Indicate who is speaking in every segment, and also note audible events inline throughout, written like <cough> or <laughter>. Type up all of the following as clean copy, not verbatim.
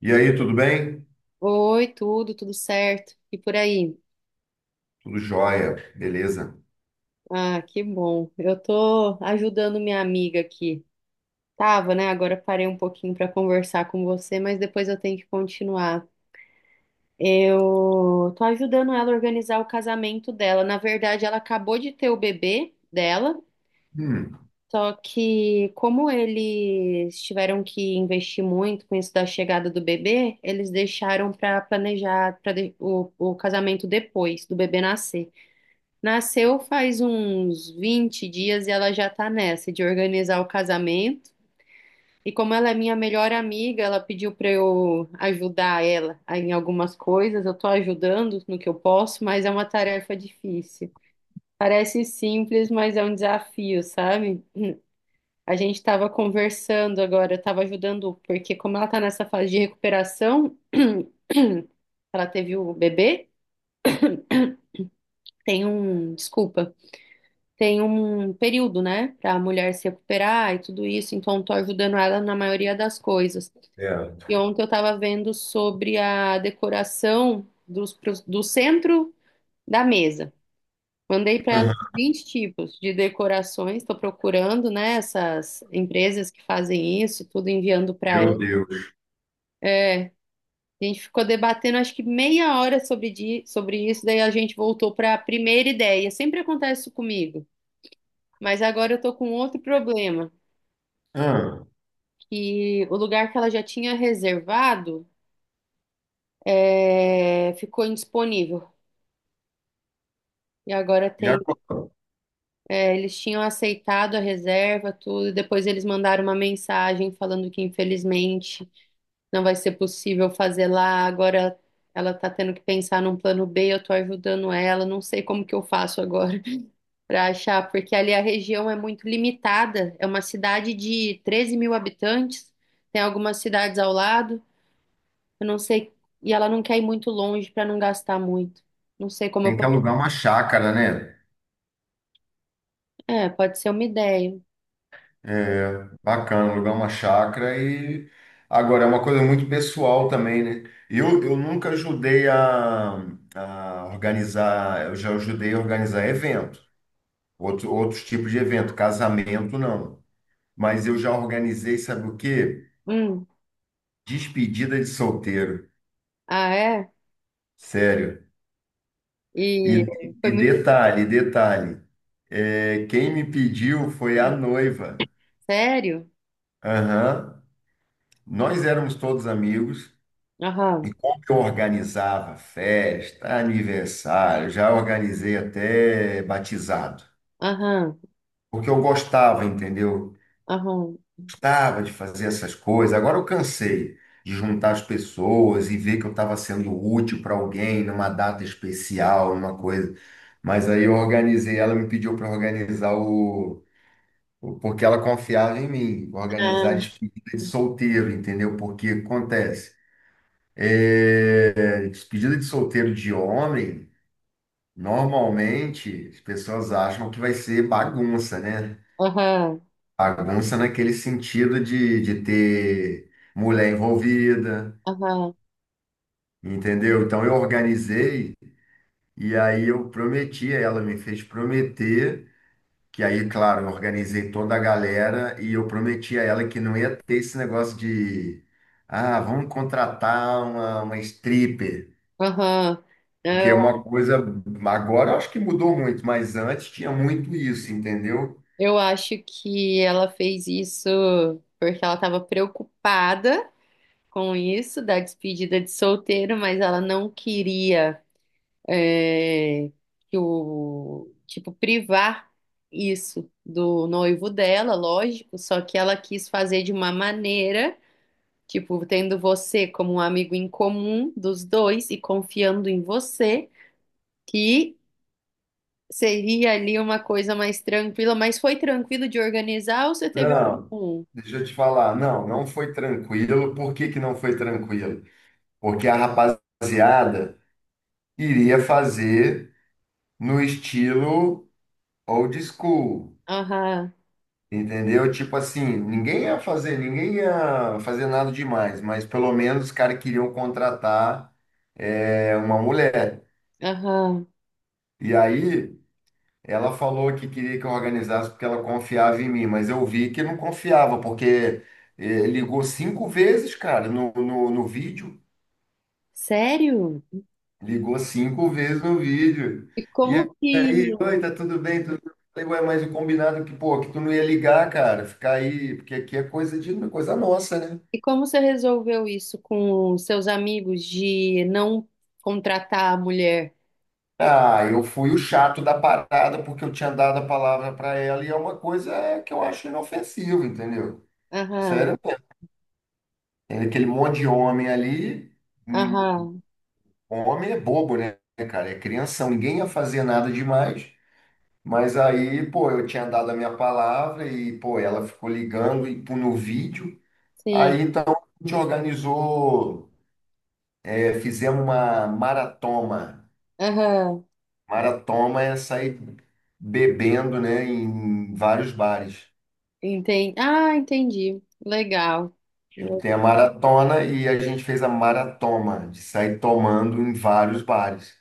Speaker 1: E aí, tudo bem?
Speaker 2: Oi, tudo certo. E por aí?
Speaker 1: Tudo jóia, beleza?
Speaker 2: Ah, que bom. Eu tô ajudando minha amiga aqui. Tava, né? Agora parei um pouquinho para conversar com você, mas depois eu tenho que continuar. Eu tô ajudando ela a organizar o casamento dela. Na verdade, ela acabou de ter o bebê dela,
Speaker 1: Hum,
Speaker 2: só que como eles tiveram que investir muito com isso da chegada do bebê, eles deixaram para planejar para o casamento depois do bebê nascer. Nasceu faz uns 20 dias e ela já tá nessa de organizar o casamento. E como ela é minha melhor amiga, ela pediu pra eu ajudar ela em algumas coisas. Eu tô ajudando no que eu posso, mas é uma tarefa difícil. Parece simples, mas é um desafio, sabe? A gente tava conversando agora, eu tava ajudando, porque como ela tá nessa fase de recuperação, <clears throat> ela teve o bebê, tem um, desculpa. Tem um período, né, para a mulher se recuperar e tudo isso, então tô ajudando ela na maioria das coisas.
Speaker 1: é.
Speaker 2: E ontem eu estava vendo sobre a decoração do centro da mesa. Mandei para ela
Speaker 1: Aham,
Speaker 2: uns 20 tipos de decorações, estou procurando, né, essas empresas que fazem isso, tudo enviando para ela.
Speaker 1: Meu Deus.
Speaker 2: A gente ficou debatendo acho que meia hora sobre isso, daí a gente voltou para a primeira ideia. Sempre acontece isso comigo, mas agora eu tô com outro problema.
Speaker 1: Ah,
Speaker 2: Que o lugar que ela já tinha reservado, é, ficou indisponível. E agora
Speaker 1: e
Speaker 2: tem,
Speaker 1: agora?
Speaker 2: é, eles tinham aceitado a reserva, tudo, e depois eles mandaram uma mensagem falando que infelizmente não vai ser possível fazer lá. Agora ela tá tendo que pensar num plano B, eu tô ajudando ela, não sei como que eu faço agora <laughs> para achar, porque ali a região é muito limitada, é uma cidade de 13 mil habitantes, tem algumas cidades ao lado. Eu não sei. E ela não quer ir muito longe para não gastar muito. Não sei como eu
Speaker 1: Tem que
Speaker 2: poderia.
Speaker 1: alugar uma chácara, né?
Speaker 2: É, pode ser uma ideia.
Speaker 1: É, bacana, alugar uma chácara e agora é uma coisa muito pessoal também, né? Eu nunca ajudei a organizar, eu já ajudei a organizar evento, outros tipos de evento, casamento não. Mas eu já organizei, sabe o quê?
Speaker 2: Hum.
Speaker 1: Despedida de solteiro.
Speaker 2: Ah, é?
Speaker 1: Sério. E,
Speaker 2: E foi
Speaker 1: e
Speaker 2: muito.
Speaker 1: detalhe, detalhe, quem me pediu foi a noiva.
Speaker 2: Sério?
Speaker 1: Aham. Nós éramos todos amigos
Speaker 2: Aham,
Speaker 1: e como eu organizava festa, aniversário, já organizei até batizado,
Speaker 2: aham,
Speaker 1: porque eu gostava, entendeu?
Speaker 2: aham.
Speaker 1: Gostava de fazer essas coisas. Agora eu cansei de juntar as pessoas e ver que eu estava sendo útil para alguém numa data especial, numa coisa. Mas aí eu organizei, ela me pediu para organizar o Porque ela confiava em mim, organizar
Speaker 2: Ah,
Speaker 1: despedida de solteiro, entendeu? Porque acontece, despedida de solteiro de homem, normalmente as pessoas acham que vai ser bagunça, né?
Speaker 2: aham,
Speaker 1: Bagunça naquele sentido de, ter mulher envolvida,
Speaker 2: aham,
Speaker 1: entendeu? Então eu organizei e aí eu prometi, a ela me fez prometer. Que aí, claro, eu organizei toda a galera e eu prometi a ela que não ia ter esse negócio de, vamos contratar uma stripper.
Speaker 2: aham.
Speaker 1: Porque é
Speaker 2: Eu,
Speaker 1: uma coisa, agora eu acho que mudou muito, mas antes tinha muito isso, entendeu?
Speaker 2: eu acho que ela fez isso porque ela estava preocupada com isso, da despedida de solteiro, mas ela não queria. É, que o tipo privar isso do noivo dela, lógico, só que ela quis fazer de uma maneira, tipo, tendo você como um amigo em comum dos dois e confiando em você, que seria ali uma coisa mais tranquila, mas foi tranquilo de organizar ou você teve
Speaker 1: Não,
Speaker 2: algum?
Speaker 1: deixa eu te falar, não, não foi tranquilo. Por que que não foi tranquilo? Porque a rapaziada iria fazer no estilo old school.
Speaker 2: Aham,
Speaker 1: Entendeu? Tipo assim, ninguém ia fazer nada demais, mas pelo menos os caras queriam contratar uma mulher.
Speaker 2: aham.
Speaker 1: E aí ela falou que queria que eu organizasse porque ela confiava em mim, mas eu vi que não confiava, porque ligou cinco vezes, cara, no vídeo.
Speaker 2: Sério?
Speaker 1: Ligou cinco vezes no vídeo.
Speaker 2: E
Speaker 1: E
Speaker 2: como
Speaker 1: aí,
Speaker 2: que
Speaker 1: oi, tá tudo bem? Tudo bem? Eu falei: ué, mas o combinado é que, pô, que tu não ia ligar, cara, ficar aí, porque aqui é coisa de coisa nossa, né?
Speaker 2: E como você resolveu isso com seus amigos de não contratar a mulher?
Speaker 1: Ah, eu fui o chato da parada porque eu tinha dado a palavra para ela e é uma coisa que eu acho inofensiva, entendeu?
Speaker 2: Aham,
Speaker 1: Sério, tem aquele monte de homem ali, hum,
Speaker 2: aham,
Speaker 1: homem é bobo, né, cara? É crianção, ninguém ia fazer nada demais. Mas aí, pô, eu tinha dado a minha palavra e, pô, ela ficou ligando e pô, no vídeo. Aí
Speaker 2: sim,
Speaker 1: então a gente organizou, fizemos uma maratoma.
Speaker 2: aham,
Speaker 1: Maratoma é sair bebendo, né, em vários bares.
Speaker 2: entendi. Ah, entendi. Legal,
Speaker 1: Tem a maratona e a gente fez a maratoma, de sair tomando em vários bares.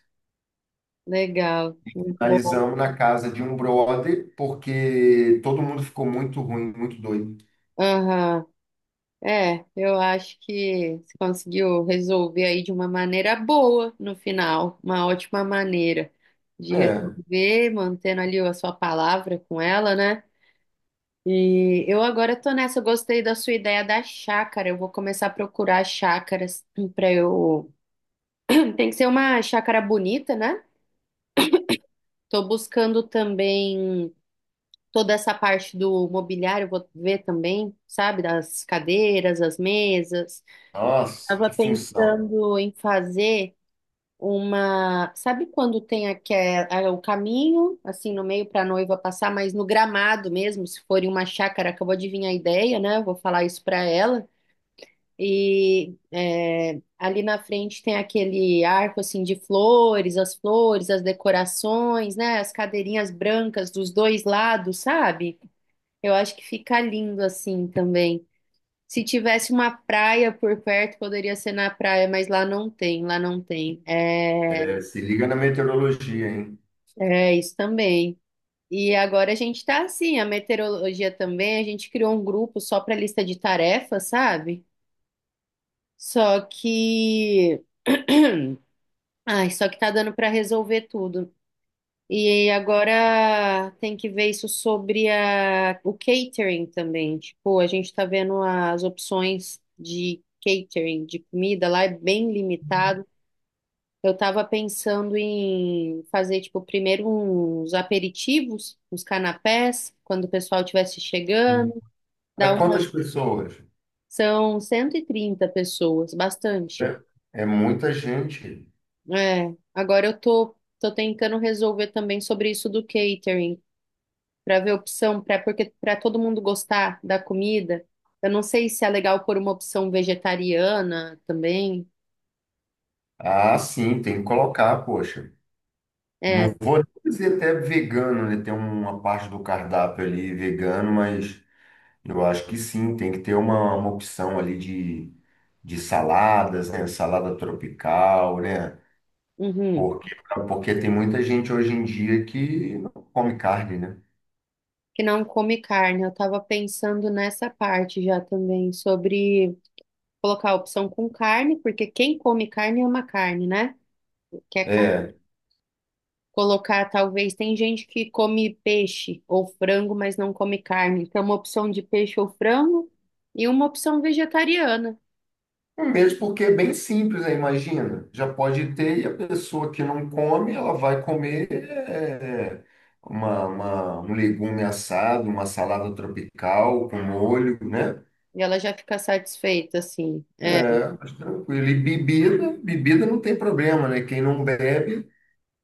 Speaker 2: legal, muito bom.
Speaker 1: Finalizamos na casa de um brother, porque todo mundo ficou muito ruim, muito doido.
Speaker 2: Aham, é, eu acho que você conseguiu resolver aí de uma maneira boa no final, uma ótima maneira de
Speaker 1: É,
Speaker 2: resolver, mantendo ali a sua palavra com ela, né? E eu agora tô nessa, eu gostei da sua ideia da chácara. Eu vou começar a procurar chácaras <clears throat> para eu. Tem que ser uma chácara bonita, né? Tô buscando também toda essa parte do mobiliário, vou ver também, sabe, das cadeiras, as mesas.
Speaker 1: nossa,
Speaker 2: Tava
Speaker 1: que função.
Speaker 2: pensando em fazer uma, sabe quando tem o caminho assim no meio para a noiva passar, mas no gramado mesmo, se for em uma chácara, acabou de vir a ideia, né? Eu vou falar isso para ela. E é, ali na frente tem aquele arco assim de flores, as decorações, né? As cadeirinhas brancas dos dois lados, sabe? Eu acho que fica lindo assim também. Se tivesse uma praia por perto, poderia ser na praia, mas lá não tem, lá não tem. É,
Speaker 1: É, se liga na meteorologia, hein?
Speaker 2: é isso também. E agora a gente tá assim, a meteorologia também, a gente criou um grupo só para lista de tarefas, sabe? Só que ai, só que tá dando para resolver tudo. E agora tem que ver isso sobre o catering também. Tipo, a gente tá vendo as opções de catering, de comida lá, é bem limitado. Eu tava pensando em fazer, tipo, primeiro uns aperitivos, uns canapés, quando o pessoal estivesse chegando. Dá
Speaker 1: Para
Speaker 2: uma...
Speaker 1: quantas pessoas?
Speaker 2: São 130 pessoas, bastante.
Speaker 1: Né? É muita gente.
Speaker 2: É, agora eu tô, tô tentando resolver também sobre isso do catering, para ver opção, para, porque para todo mundo gostar da comida. Eu não sei se é legal pôr uma opção vegetariana também,
Speaker 1: Ah, sim, tem que colocar, poxa.
Speaker 2: é,
Speaker 1: Não vou dizer até vegano, né? Tem uma parte do cardápio ali vegano, mas eu acho que sim, tem que ter uma opção ali de, saladas, né? Salada tropical, né?
Speaker 2: uhum,
Speaker 1: Porque, porque tem muita gente hoje em dia que não come carne, né?
Speaker 2: que não come carne. Eu estava pensando nessa parte já também sobre colocar a opção com carne, porque quem come carne ama carne, né? Quer carne.
Speaker 1: É,
Speaker 2: Colocar, talvez, tem gente que come peixe ou frango, mas não come carne. Então, uma opção de peixe ou frango e uma opção vegetariana.
Speaker 1: mesmo porque é bem simples, né? Imagina, já pode ter e a pessoa que não come, ela vai comer um legume assado, uma salada tropical com molho, né?
Speaker 2: E ela já fica satisfeita, assim. É,
Speaker 1: É, mas tranquilo. E bebida, bebida não tem problema, né? Quem não bebe,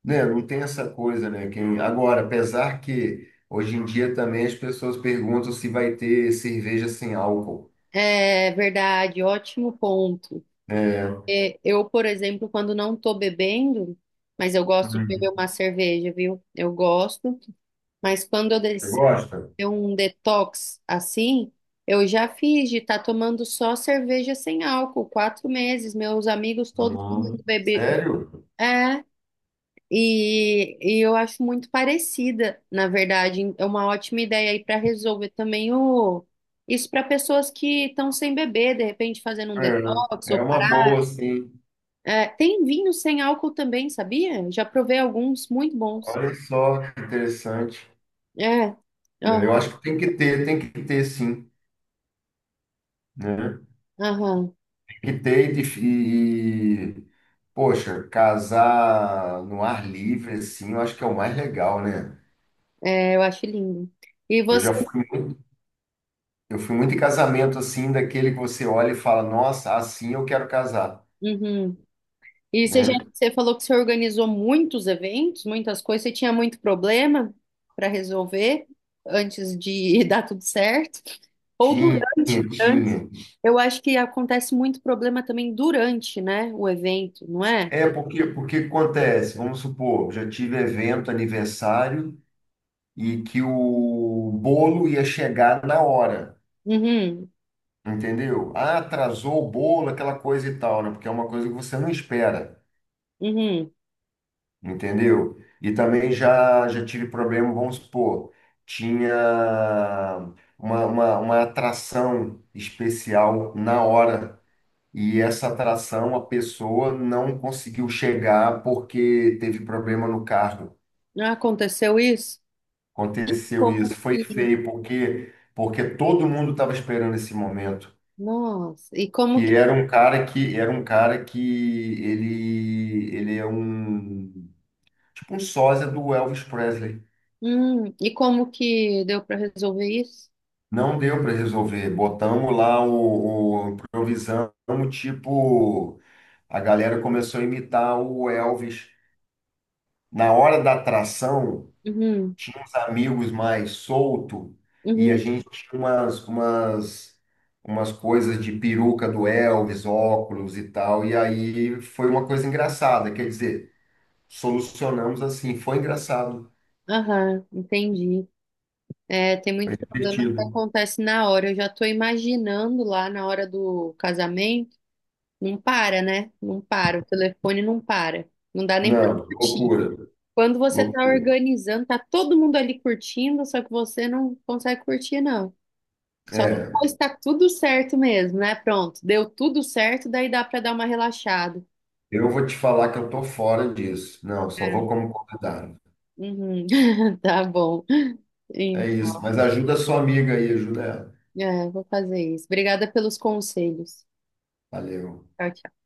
Speaker 1: né? Não tem essa coisa, né? Quem. Agora, apesar que hoje em dia também as pessoas perguntam se vai ter cerveja sem álcool.
Speaker 2: é verdade, ótimo ponto.
Speaker 1: É.
Speaker 2: É, eu, por exemplo, quando não tô bebendo, mas eu gosto de beber
Speaker 1: Hum.
Speaker 2: uma cerveja, viu? Eu gosto, mas quando eu
Speaker 1: Você
Speaker 2: decido
Speaker 1: gosta?
Speaker 2: ter um detox assim, eu já fiz de estar tomando só cerveja sem álcool, quatro meses, meus amigos todos
Speaker 1: Ah,
Speaker 2: tomando bebê.
Speaker 1: sério?
Speaker 2: É, e eu acho muito parecida, na verdade. É uma ótima ideia aí para resolver também o isso para pessoas que estão sem beber, de repente fazendo um detox
Speaker 1: É,
Speaker 2: ou
Speaker 1: é uma
Speaker 2: parar.
Speaker 1: boa, sim.
Speaker 2: É, tem vinho sem álcool também, sabia? Já provei alguns muito bons.
Speaker 1: Olha só que interessante.
Speaker 2: É,
Speaker 1: É, eu
Speaker 2: ó,
Speaker 1: acho que tem que ter, sim, né?
Speaker 2: aham,
Speaker 1: Tem que ter e, poxa, casar no ar livre, assim, eu acho que é o mais legal, né?
Speaker 2: é, eu acho lindo. E
Speaker 1: Eu
Speaker 2: você?
Speaker 1: já fui Eu fui muito em casamento assim, daquele que você olha e fala, nossa, assim eu quero casar,
Speaker 2: Uhum. E você,
Speaker 1: né?
Speaker 2: você falou que você organizou muitos eventos, muitas coisas, você tinha muito problema para resolver antes de <laughs> dar tudo certo? Ou
Speaker 1: Tinha,
Speaker 2: durante?
Speaker 1: tinha.
Speaker 2: Eu acho que acontece muito problema também durante, né, o evento, não é?
Speaker 1: É porque acontece, vamos supor, já tive evento, aniversário e que o bolo ia chegar na hora,
Speaker 2: Uhum,
Speaker 1: entendeu? Ah, atrasou o bolo, aquela coisa e tal, né? Porque é uma coisa que você não espera.
Speaker 2: uhum.
Speaker 1: Entendeu? E também já tive problema, vamos supor, tinha uma atração especial na hora. E essa atração a pessoa não conseguiu chegar porque teve problema no carro.
Speaker 2: Não aconteceu isso?
Speaker 1: Aconteceu
Speaker 2: Como
Speaker 1: isso, foi
Speaker 2: que,
Speaker 1: feio porque todo mundo estava esperando esse momento,
Speaker 2: nossa,
Speaker 1: que era um cara que ele é um tipo um sósia do Elvis Presley.
Speaker 2: e como que deu para resolver isso?
Speaker 1: Não deu para resolver. Botamos lá o improvisamos, tipo, a galera começou a imitar o Elvis. Na hora da atração,
Speaker 2: Uhum,
Speaker 1: tinha uns amigos mais solto e a
Speaker 2: uhum,
Speaker 1: gente tinha umas coisas de peruca do Elvis, óculos e tal. E aí foi uma coisa engraçada, quer dizer, solucionamos assim, foi engraçado,
Speaker 2: aham, entendi. É, tem muito
Speaker 1: foi
Speaker 2: problema que
Speaker 1: divertido.
Speaker 2: acontece na hora. Eu já estou imaginando lá na hora do casamento. Não para, né? Não para. O telefone não para. Não dá nem para
Speaker 1: Não,
Speaker 2: curtir.
Speaker 1: loucura,
Speaker 2: Quando você está
Speaker 1: loucura.
Speaker 2: organizando, tá todo mundo ali curtindo, só que você não consegue curtir, não. Só
Speaker 1: É.
Speaker 2: depois tá tudo certo mesmo, né? Pronto, deu tudo certo, daí dá para dar uma relaxada.
Speaker 1: Eu vou te falar que eu tô fora disso. Não, só vou como convidado.
Speaker 2: Uhum. <laughs> Tá bom.
Speaker 1: É isso.
Speaker 2: Então,
Speaker 1: Mas ajuda a sua amiga aí, ajuda ela.
Speaker 2: é, vou fazer isso. Obrigada pelos conselhos.
Speaker 1: Valeu.
Speaker 2: Tchau, tchau.